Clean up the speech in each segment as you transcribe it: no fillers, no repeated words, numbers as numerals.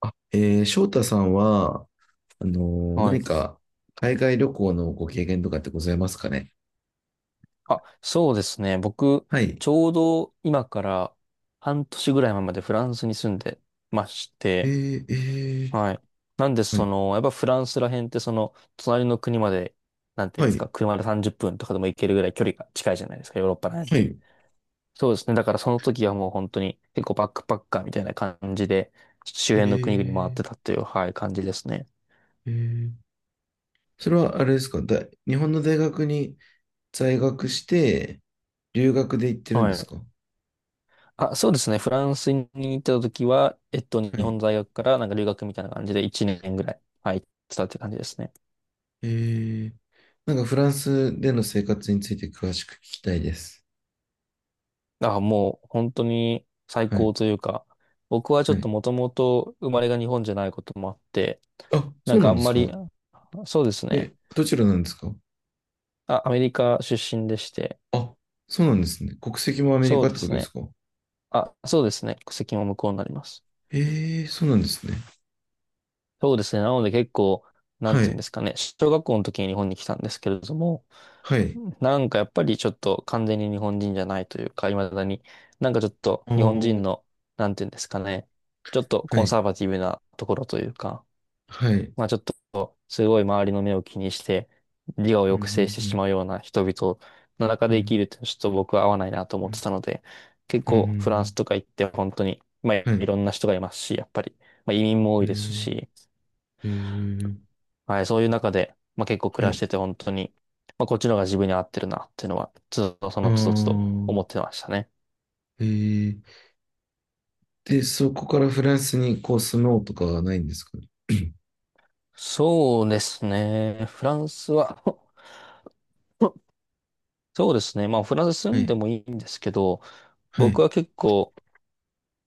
あ、翔太さんは、はい。何か海外旅行のご経験とかってございますかね？あ、そうですね。僕、はい。ちょうど今から半年ぐらい前までフランスに住んでましえて、ー、えー、はい。なんで、はそい、の、やっぱフランスら辺って、その、隣の国まで、なんていうはんですい、か、車で30分とかでも行けるぐらい距離が近いじゃないですか、ヨーロッパら辺っはて。い。そうですね。だからその時はもう本当に結構バックパッカーみたいな感じで、周え辺の国々回っー、てたっていう、はい、感じですね。えー、それはあれですかだ、日本の大学に在学して、留学で行ってるんではすい。か？あ、そうですね。フランスに行ってた時は、日はい。本在学からなんか留学みたいな感じで1年ぐらい、はい、行ってたって感じですね。えー、なんかフランスでの生活について詳しく聞きたいです。あ、もう本当に最はい、高というか、僕はちょはっとい。もともと生まれが日本じゃないこともあって、あ、そなんうなかあんでんすまか？り、そうですね。え、どちらなんですか？あ、アメリカ出身でして、あ、そうなんですね。国籍もアメリそうカっでてことすですね。か？あ、そうですね。国籍も向こうになります。ええ、そうなんですね。そうですね。なので結構、なんはていうんでい。すかね。小学校の時に日本に来たんですけれども、はい。なんかやっぱりちょっと完全に日本人じゃないというか、未だに、なんかちょっとあ日本人ー、の、なんていうんですかね、ちょっとはコンい。サバティブなところというか、はい。まあちょっとすごい周りの目を気にして、自我をうんうんう抑制してしん。まうような人々の中うで生きんるってちょっと僕は合わないなと思ってたので、結うんう構フランスんとか行って本当に、まあうん。はいい。ろんな人がいますし、やっぱり、まあ移民も多えいですー、し、えー、はい、そういう中で、まあ、結構は暮らしい。てて本当に、まあ、こっちの方が自分に合ってるなっていうのは、つどそあのつどつどー、思ってましたね。えー、で、そこからフランスにこう住もうとかはないんですかね？ そうですね。フランスは そうですね。まあフランス 住はんい。でもいいんですけど、は僕い。は結構、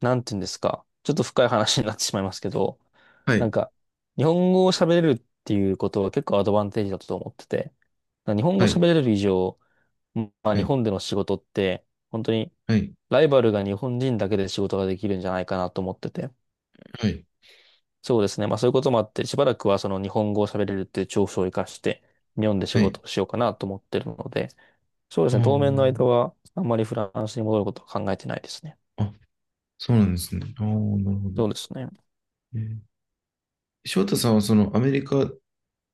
なんて言うんですか、ちょっと深い話になってしまいますけど、はない。んか、日本語を喋れるっていうことは結構アドバンテージだと思ってて、日本語喋れる以上、まあは日い。本での仕事って、本当にはい。はい。ライバルが日本人だけで仕事ができるんじゃないかなと思ってて。はい。そうですね。まあそういうこともあって、しばらくはその日本語を喋れるっていう長所を活かして、日本で仕はい。事をしようかなと思ってるので、そうですあね。当面の間ー、は、あんまりフランスに戻ることは考えてないですね。あ、そうなんですね。ああ、なるほど。そうですね。えー翔太さんはそのアメリカ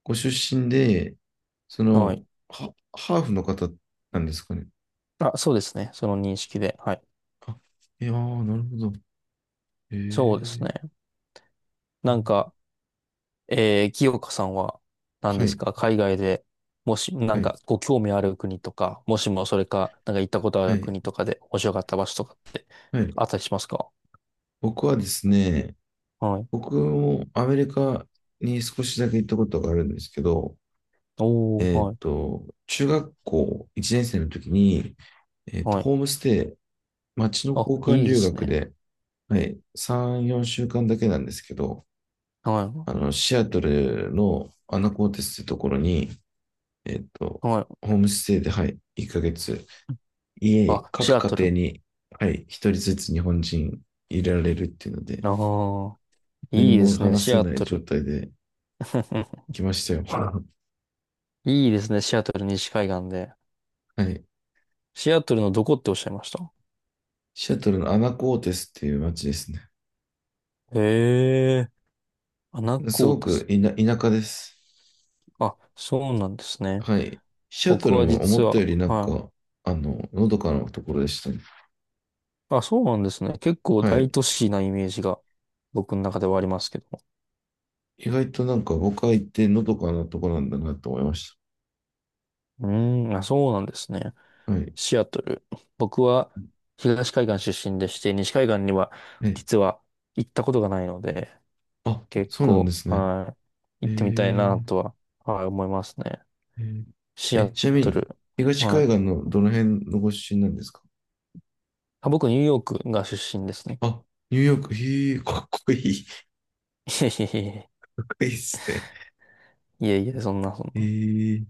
ご出身で、そはい。の、ハハーフの方なんですかね？あ、そうですね。その認識で。はい。あ、いやー、なるほど。へそうですえ。ね。うなんん、か、清香さんは、何はですい、か、海外で、もし、なはんい、か、ご興味ある国とか、もしもそれか、なんか行ったことあはるい、国とかで面白かった場所とか、はい。あったりしますか？僕はですね、はい。僕もアメリカに少しだけ行ったことがあるんですけど、おー、はい、中学校1年生の時に、はい。ホームステイ、町のあ、交換いいで留す学ね。で、はい、3、4週間だけなんですけど、はシアトルのアナコーテスってところに、えっと、い、はい。ホームステイで、はい、1ヶ月、あ、シ各アト家庭ル。に、はい、一人ずつ日本人入れられるっていうので、ああ、何いいでもすね、話シせアないト状ル。態で 来ましたよ。いいですね、シアトル西海岸で。はい。シアトルのどこっておっしゃいました？シアトルのアナコーテスっていう街ですね。へえ、穴す子ごでくす。いな田舎です。あ、そうなんですね。はい。シアト僕ルはも思実ったは、よりなんはい。か、のどかなところでしたね。あ、そうなんですね。結構は大い。都市なイメージが僕の中ではありますけど。意外となんか僕は行ってのどかなところなんだなと思いましうーん、あ、そうなんですね。た。はい。シアトル。僕は東海岸出身でして、西海岸にはえ、実は行ったことがないので、あ、結そうなんで構、すね。はい、へ行えってみたいなー。とは、はい、思いますね。えーシえアちなみトに、ル。東は海い。岸のどの辺のご出身なんですか？あ、僕、ニューヨークが出身ですね。あ、ニューヨーク、へえ、かっこいい、か っこいいですね。いえいえいえ、いえいえ、そんなそんへな。え、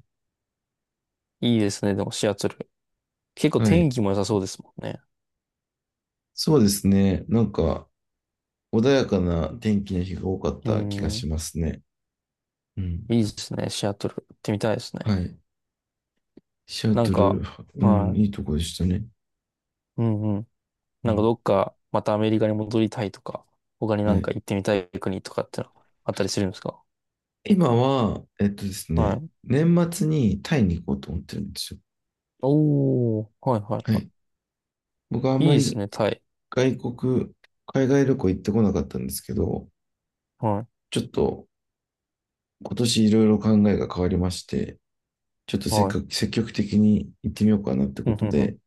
いいですね、でもシアトル。結構は天い。気も良さそうですもんね。そうですね。なんか、穏やかな天気の日が多かっうた気がしん、ますね。うん。いいですね、シアトル。行ってみたいですはね。い。シアなんトル、か、うん、はいい。いとこでしたね。うんうなんかん。どっかまたアメリカに戻りたいとか、他になはんい。か行ってみたい国とかってのあったりするんですか？今は、ですはね、い。年末にタイに行こうと思ってるんですよ。おー、はいはいははい。僕はあんい。いまいですりね、タイ。外国、海外旅行行ってこなかったんですけど、はい、ちょっと今年いろいろ考えが変わりまして、ちょっとせっはい。かく積極的に行ってみようかなってうこん、うとん、うん。で、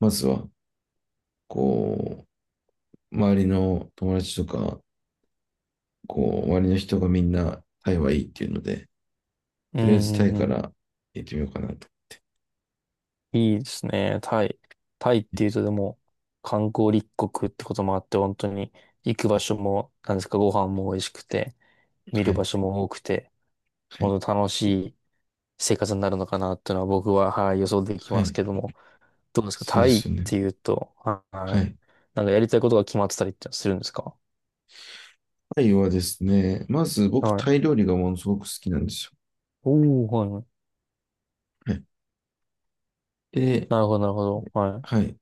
まずは、こう、周りの友達とか、こう、周りの人がみんなタイはいいっていうので、うとりあえずタん、うイん。うかんら行ってみようかなと。いいですね、タイ。タイっていうとでも、観光立国ってこともあって、本当に行く場所も、なんですか、ご飯も美味しくて、見はるい、場所も多くて、はい、本当楽しい生活になるのかなっていうのは僕は、はい、予想できはますい。けども、どうですか、そうタでイっすよね。ていうと、ははいい。なんかやりたいことが決まってたりってするんですか？タイはですね、まず僕、はタい。イ料理がものすごく好きなんですよ。おー、はいはい。はい。で、なるほど、なるほど。はい。はい。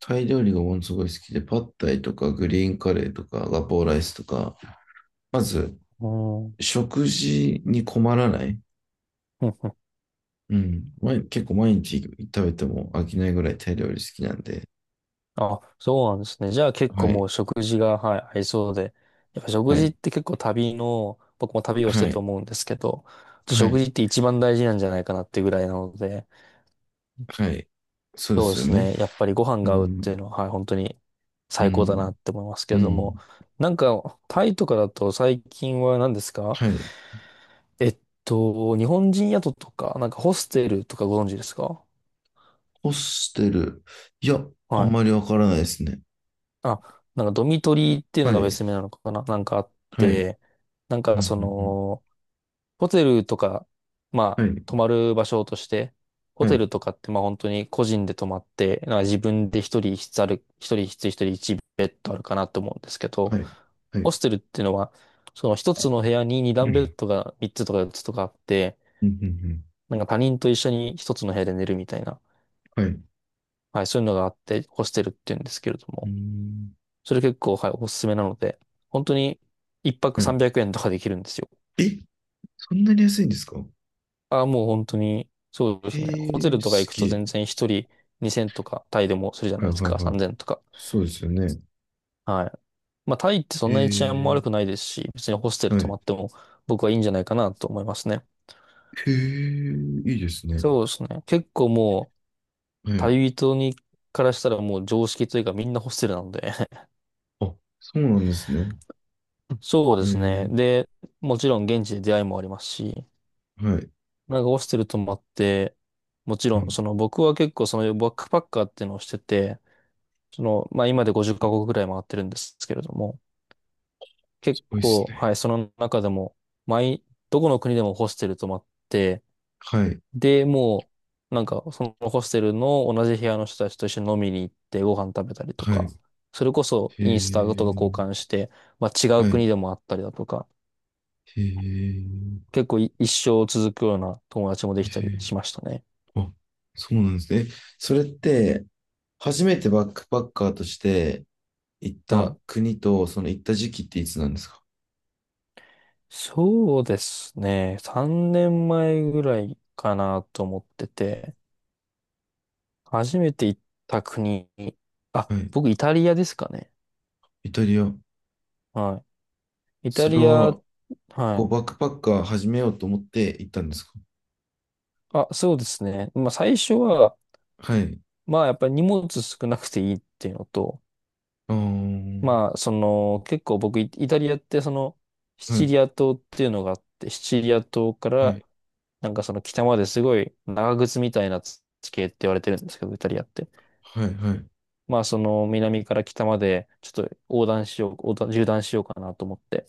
タイ料理がものすごい好きで、パッタイとかグリーンカレーとかガポーライスとか、まず、うん。食事に困らない。ふんふんうん。結構毎日食べても飽きないぐらいタイ料理好きなんで。あ、そうなんですね。じゃあ結構はもい。う食事が、はい、合いそうで。やっぱは食事っい。て結構旅の、僕も旅をしはててい。思うんですけど、は食事い。って一番大事なんじゃないかなってぐらいなので、はい。そうでそうですよすね。ね。やっぱりご飯うが合うってん。いうのは、はい、本当にう最高だなん。って思いますけうれども、ん。なんか、タイとかだと最近は何ですか？はい。えっ日本人宿とか、なんかホステルとかご存知ですか？ホステル。いや、あはんい。まりわからないですね。あ、なんかドミトリーっていうのはがい。別名なのかななんかあっはい。うん。て、なんうかそん。の、ホテルとか、まうん、あ、は泊い。まる場所として、ホはテい。ルとかってまあ本当に個人で泊まって、なんか自分で一人一ベッドあるかなと思うんですけど、はい。はホい。ステルっていうのは、その一つの部屋に二う段ベッん。ドが三つとか四つとかあって、うん。うんなんか他人と一緒に一つの部屋で寝るみたいな。うん、はい。はい、そういうのがあってホステルっていうんですけれどうも、ん。それ結構、はい、おすすめなので、本当に一泊はい。300円とかできるんですよ。え、そんなに安いんですか？ああ、もう本当に、そうですね。ホテへえ、ルとかす行くげとえ。全然一人2000とかタイでもするじゃなはいいではすいか、はい。3000とか。そうですよね。はい。まあタイってそへんなに治安もえ、悪くないですし、別にホステルは泊まい。っても僕はいいんじゃないかなと思いますね。へえ、いいですね。そうですね。結構もう、はい。旅人からしたらもう常識というかみんなホステルなので あ、そうなんですね。そうへですね。え、で、もちろん現地で出会いもありますし、はい。なんかホステル泊まって、もちうろん、ん、その僕は結構そのバックパッカーっていうのをしてて、その、まあ今で50カ国ぐらい回ってるんですけれども、す結ごいです構、はね。い、その中でも、毎、どこの国でもホステル泊まって、はい、で、もう、なんかそのホステルの同じ部屋の人たちと一緒に飲みに行ってご飯食べたりとはか、い。それこそへインスタとか交え、換して、まあ違うはい。国でもあったりだとか、へえ、結構い一生続くような友達もでへきえ、たりしましたね。あ、そうなんですね。え、それって、初めてバックパッカーとして行っはたい国と、その行った時期っていつなんですか？そうですね。3年前ぐらいかなと思ってて、初めて行った国、あ、はい。僕イタリアですかね。イタリア。はい。イタそれリア、は、はこう、バい。ックパッカー始めようと思って行ったんですか？あ、そうですね。まあ最初は、はい。まあやっぱり荷物少なくていいっていうのと、ああ。まあその結構僕イイタリアってそのシはチい、リア島っていうのがあって、シチリア島かはらい、なんかその北まですごい長靴みたいな地形って言われてるんですけど、イタリアって。はい、はい。まあその南から北までちょっと横断しよう、横断、縦断しようかなと思って。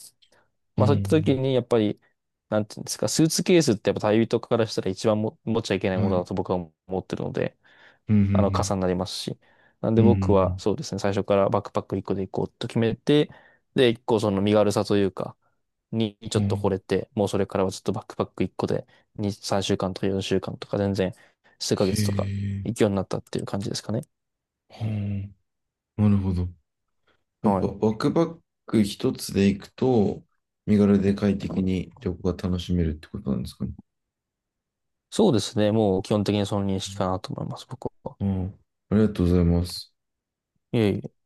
うまあそういった時ん、にやっぱり、なんていうんですか、スーツケースってやっぱ旅人からしたら一番も持っちゃいけないもはのだい。と僕は思ってるので、うん、うあのん、傘になりますし。なんうでん、うん、う僕はん。そうですね、最初からバックパック1個で行こうと決めて、で、1個その身軽さというか、にちうょっと惚ん、れて、もうそれからはずっとバックパック1個で2、3週間とか4週間とか全然数ヶへ月とかえ、行くようになったっていう感じですかね。はあ、なるほど。やっはぱ、い。ワクバック一つで行くと、身軽で快適に旅行が楽しめるってことなんですかね？そうですね。もう基本的にその認識かなと思います、僕は。うん、ああ、ありがとうございます。いえいえ。